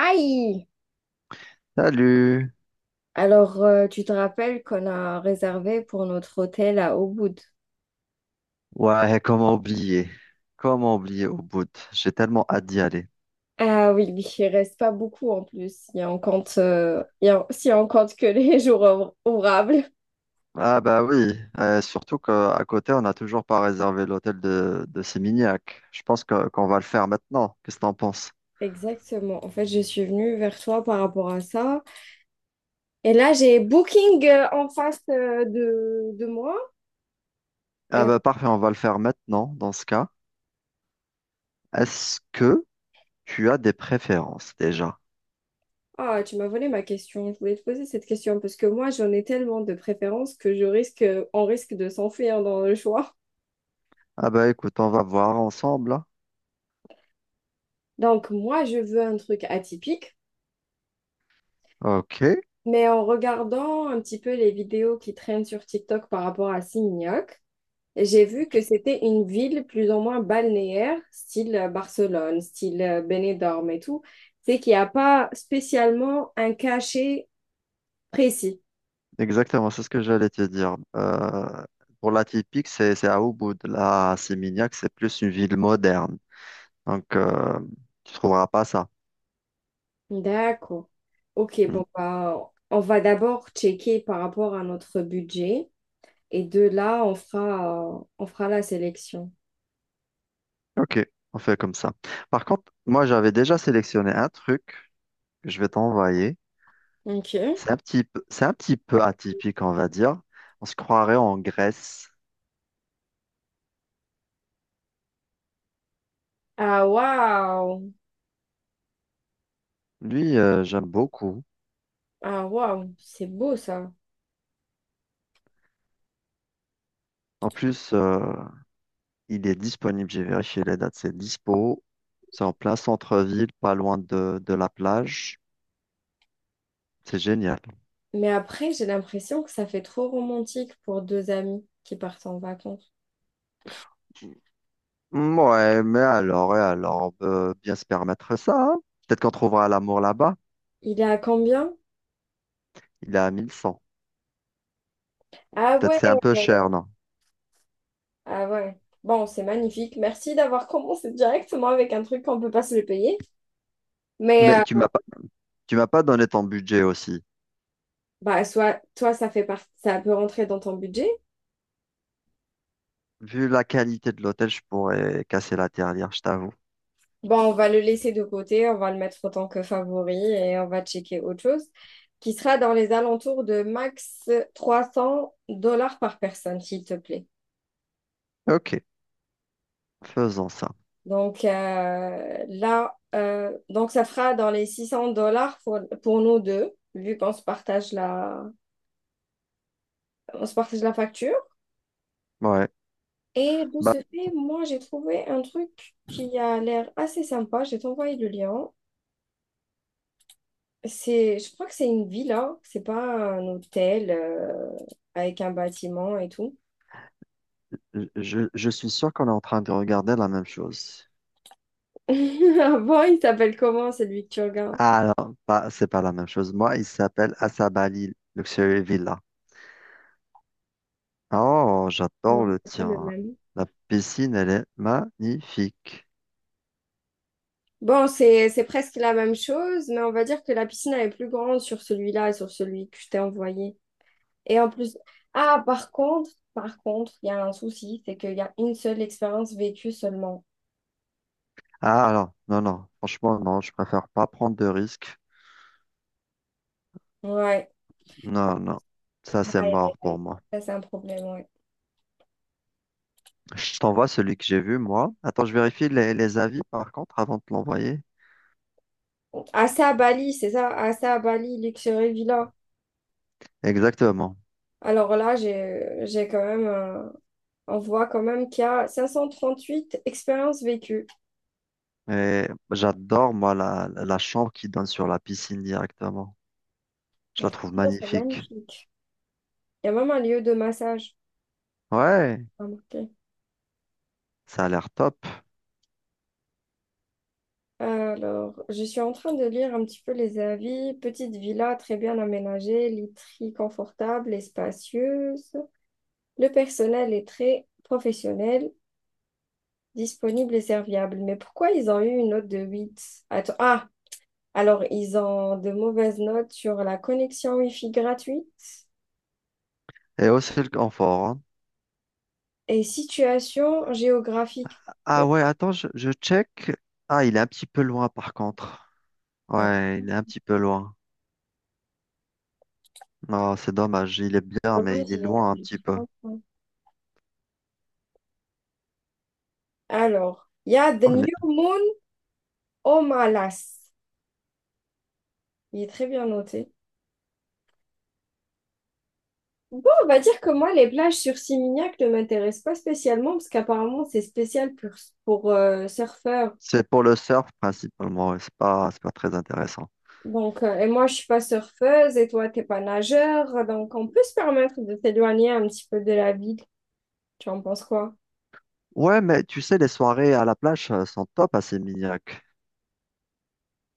Aïe! Salut! Alors, tu te rappelles qu'on a réservé pour notre hôtel à Ubud. Ouais, comment oublier? Comment oublier au bout? J'ai tellement hâte d'y aller. Ah oui, oui, il reste pas beaucoup en plus, si on compte, il si on compte que les jours ouvrables. Ah bah oui, surtout qu'à côté, on n'a toujours pas réservé l'hôtel de Sémignac. Je pense qu'on va le faire maintenant. Qu'est-ce que t'en penses? Exactement. En fait, je suis venue vers toi par rapport à ça. Et là, j'ai Booking en face de moi. Ah Et bah parfait, on va le faire maintenant dans ce cas. Est-ce que tu as des préférences déjà? ah, tu m'as volé ma question. Je voulais te poser cette question parce que moi, j'en ai tellement de préférences que je risque, on risque de s'enfuir dans le choix. Ah bah écoute, on va voir ensemble, hein. Donc, moi, je veux un truc atypique. Ok, Mais en regardant un petit peu les vidéos qui traînent sur TikTok par rapport à Signoc, j'ai vu que c'était une ville plus ou moins balnéaire, style Barcelone, style Benidorm et tout. C'est qu'il n'y a pas spécialement un cachet précis. exactement, c'est ce que j'allais te dire. Pour la typique, c'est à Ubud. La Sémignac, c'est plus une ville moderne. Donc, tu trouveras pas ça. D'accord. Ok, Hmm. bon, bah, on va d'abord checker par rapport à notre budget et de là, on fera la sélection. Ok, on fait comme ça. Par contre, moi, j'avais déjà sélectionné un truc que je vais t'envoyer. Ok. C'est un petit peu atypique, on va dire. On se croirait en Grèce. Ah, waouh! Lui, j'aime beaucoup. Ah, waouh! C'est beau ça. En plus, il est disponible. J'ai vérifié les dates. C'est dispo. C'est en plein centre-ville, pas loin de la plage. C'est génial. Mais après, j'ai l'impression que ça fait trop romantique pour deux amis qui partent en vacances. Hmm, ouais, mais alors, et alors, on peut bien se permettre ça, hein. Peut-être qu'on trouvera l'amour là-bas. Il est à combien? Il est à 1100. Ah Peut-être ouais, c'est un peu cher, non? ah ouais. Bon, c'est magnifique. Merci d'avoir commencé directement avec un truc qu'on peut pas se le payer. Mais Mais tu euh, m'as pas, Tu m'as pas donné ton budget aussi. bah soit toi ça fait partie, ça peut rentrer dans ton budget. Vu la qualité de l'hôtel, je pourrais casser la tirelire, je t'avoue. Bon, on va le laisser de côté, on va le mettre en tant que favori et on va checker autre chose qui sera dans les alentours de max 300 dollars par personne, s'il te plaît. Ok, faisons ça. Donc là, donc ça fera dans les 600 dollars pour nous deux, vu qu'on se partage la, on se partage la facture. Ouais. Et de Bah, ce fait, moi, j'ai trouvé un truc qui a l'air assez sympa. Je vais t'envoyer le lien. C'est, je crois que c'est une villa, c'est pas un hôtel avec un bâtiment et tout. Je suis sûr qu'on est en train de regarder la même chose. avant il s'appelle comment celui que tu regardes? Ah non, pas, c'est pas la même chose. Moi, il s'appelle Asabali Luxury Villa. Oh, Non, j'adore le c'est pas le tien. même. La piscine, elle est magnifique. Bon, c'est presque la même chose, mais on va dire que la piscine elle est plus grande sur celui-là et sur celui que je t'ai envoyé. Et en plus, ah, par contre, il y a un souci, c'est qu'il y a une seule expérience vécue seulement. Ah alors, non, non, franchement, non, je préfère pas prendre de risques. Ouais, Non, non, ça c'est aïe, aïe, mort pour aïe. moi. Ça, c'est un problème, ouais. Je t'envoie celui que j'ai vu, moi. Attends, je vérifie les avis, par contre, avant de te l'envoyer. Assez à Bali, c'est ça, assez à Bali, Luxury Villa. Exactement. Alors là, j'ai quand même, on voit quand même qu'il y a 538 expériences vécues. Et j'adore, moi, la chambre qui donne sur la piscine directement. Je la Donc, trouve franchement, c'est magnifique. magnifique. Il y a même un lieu de massage, Ouais, remarqué. ça a l'air top. Alors, je suis en train de lire un petit peu les avis. Petite villa très bien aménagée, literie confortable et spacieuse. Le personnel est très professionnel, disponible et serviable. Mais pourquoi ils ont eu une note de huit? Attends, ah, alors ils ont de mauvaises notes sur la connexion Wi-Fi gratuite Et aussi le confort, hein. et situation géographique. Ah Mais, ouais, attends, je check. Ah, il est un petit peu loin, par contre. ah, Ouais, il est un petit peu loin. Non, c'est dommage. Il est bien, mais dommage, il est loin un petit a- peu. alors, il y a The On New est- Moon au Malas. Il est très bien noté. Bon, on va dire que moi, les plages sur Simignac ne m'intéressent pas spécialement parce qu'apparemment, c'est spécial pour surfeurs. C'est pour le surf, principalement, et c'est pas, c'est pas très intéressant. Donc, et moi, je suis pas surfeuse et toi, t'es pas nageur. Donc, on peut se permettre de s'éloigner un petit peu de la ville. Tu en penses quoi? Ouais, mais tu sais, les soirées à la plage sont top à Sémignac.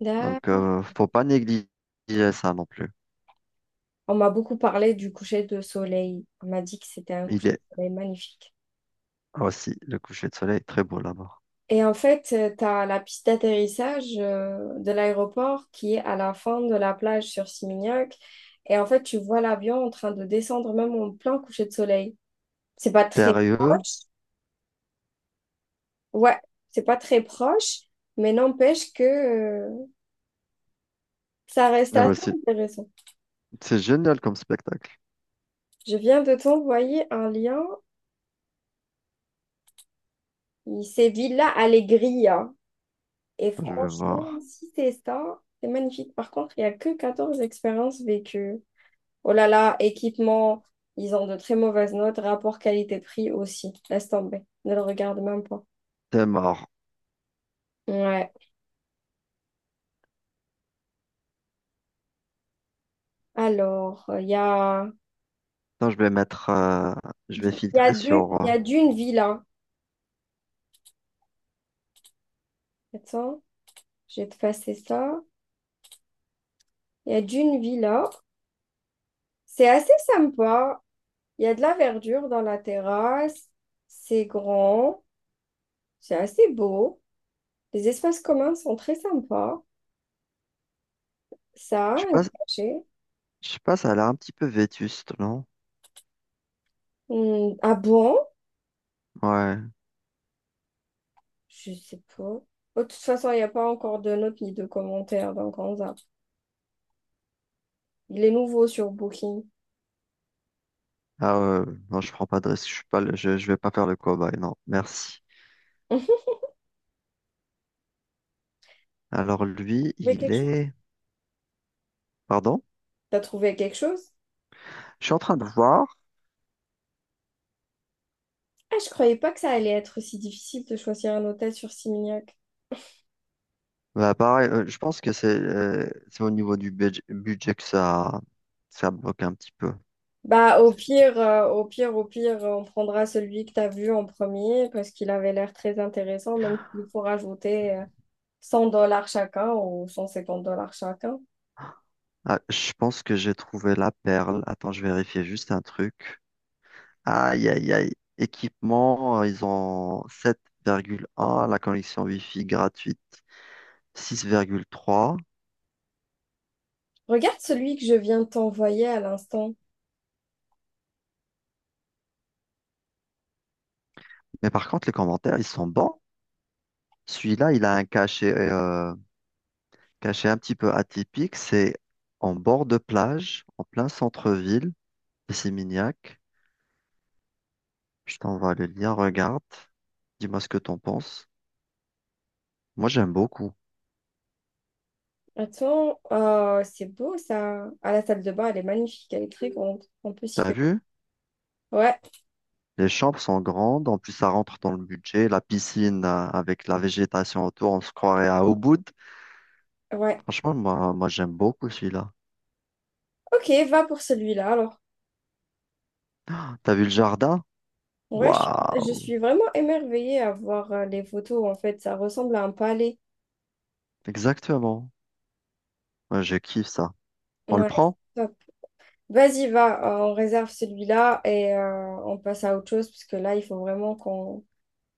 Là, Donc, faut pas négliger ça non plus. on m'a beaucoup parlé du coucher de soleil. On m'a dit que c'était un Il coucher est de soleil magnifique. aussi, le coucher de soleil est très beau là-bas. Et en fait, tu as la piste d'atterrissage de l'aéroport qui est à la fin de la plage sur Simignac. Et en fait, tu vois l'avion en train de descendre même en plein coucher de soleil. C'est pas très Sérieux? proche. Ouais, c'est pas très proche, mais n'empêche que ça reste Ah assez ouais, c'est intéressant. c'est génial comme spectacle. Je viens de t'envoyer un lien. C'est Villa Alegria. Et Je vais franchement, voir. si c'est ça, c'est magnifique. Par contre, il n'y a que 14 expériences vécues. Oh là là, équipement, ils ont de très mauvaises notes. Rapport qualité-prix aussi. Laisse tomber. Ne le regarde même pas. T'es mort. Ouais. Alors, Attends, je vais mettre, Je vais filtrer sur. il y a d'une villa. Attends, je vais te passer ça. Il y a d'une villa. C'est assez sympa. Il y a de la verdure dans la terrasse. C'est grand. C'est assez beau. Les espaces communs sont très sympas. Ça a Je sais un pas, cachet. Ça a l'air un petit peu vétuste, non? Hmm, ah bon? Ouais. Je sais pas. Oh, de toute façon, il n'y a pas encore de notes ni de commentaires, donc on zappe. Il est nouveau sur Booking. Ah ouais, non, je prends pas de risque. Je suis pas, je vais pas faire le cobaye, non. Merci. t'as Alors lui, trouvé il quelque chose? est. Pardon? T'as trouvé quelque chose? Je suis en train de voir. Ah, je croyais pas que ça allait être si difficile de choisir un hôtel sur Simignac. Bah, pareil, je pense que c'est au niveau du budget que ça bloque un petit peu. Bah, au pire, au pire, au pire, on prendra celui que t'as vu en premier parce qu'il avait l'air très intéressant, même s'il faut rajouter 100 dollars chacun ou 150 dollars chacun. Ah, je pense que j'ai trouvé la perle. Attends, je vérifie juste un truc. Aïe, aïe, aïe. Équipement, ils ont 7,1, la connexion Wi-Fi gratuite 6,3. Regarde celui que je viens de t'envoyer à l'instant. Mais par contre, les commentaires, ils sont bons. Celui-là, il a un cachet, cachet un petit peu atypique. C'est en bord de plage, en plein centre-ville, et c'est mignac. Je t'envoie le lien, regarde. Dis-moi ce que t'en penses. Moi, j'aime beaucoup. Attends, c'est beau ça. À la salle de bain, elle est magnifique, elle est très grande. On peut s'y T'as perdre. vu? Ouais, Les chambres sont grandes, en plus ça rentre dans le budget. La piscine avec la végétation autour, on se croirait à Ubud. ouais. Franchement, moi j'aime beaucoup celui-là. Ok, va pour celui-là alors. T'as vu le jardin? Ouais, je Waouh! suis vraiment émerveillée à voir les photos en fait. Ça ressemble à un palais. Exactement. Moi, je kiffe ça. On le Ouais, prend? vas-y, va, on réserve celui-là et on passe à autre chose, parce que là, il faut vraiment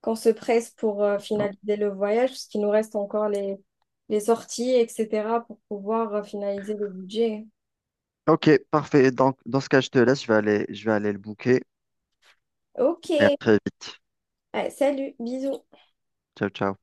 qu'on se presse pour finaliser le voyage, parce qu'il nous reste encore les sorties, etc., pour pouvoir finaliser le budget. Ok, parfait. Donc, dans ce cas, je te laisse. Je vais aller le booker. Ok, Et à très vite. ouais, salut, bisous. Ciao, ciao.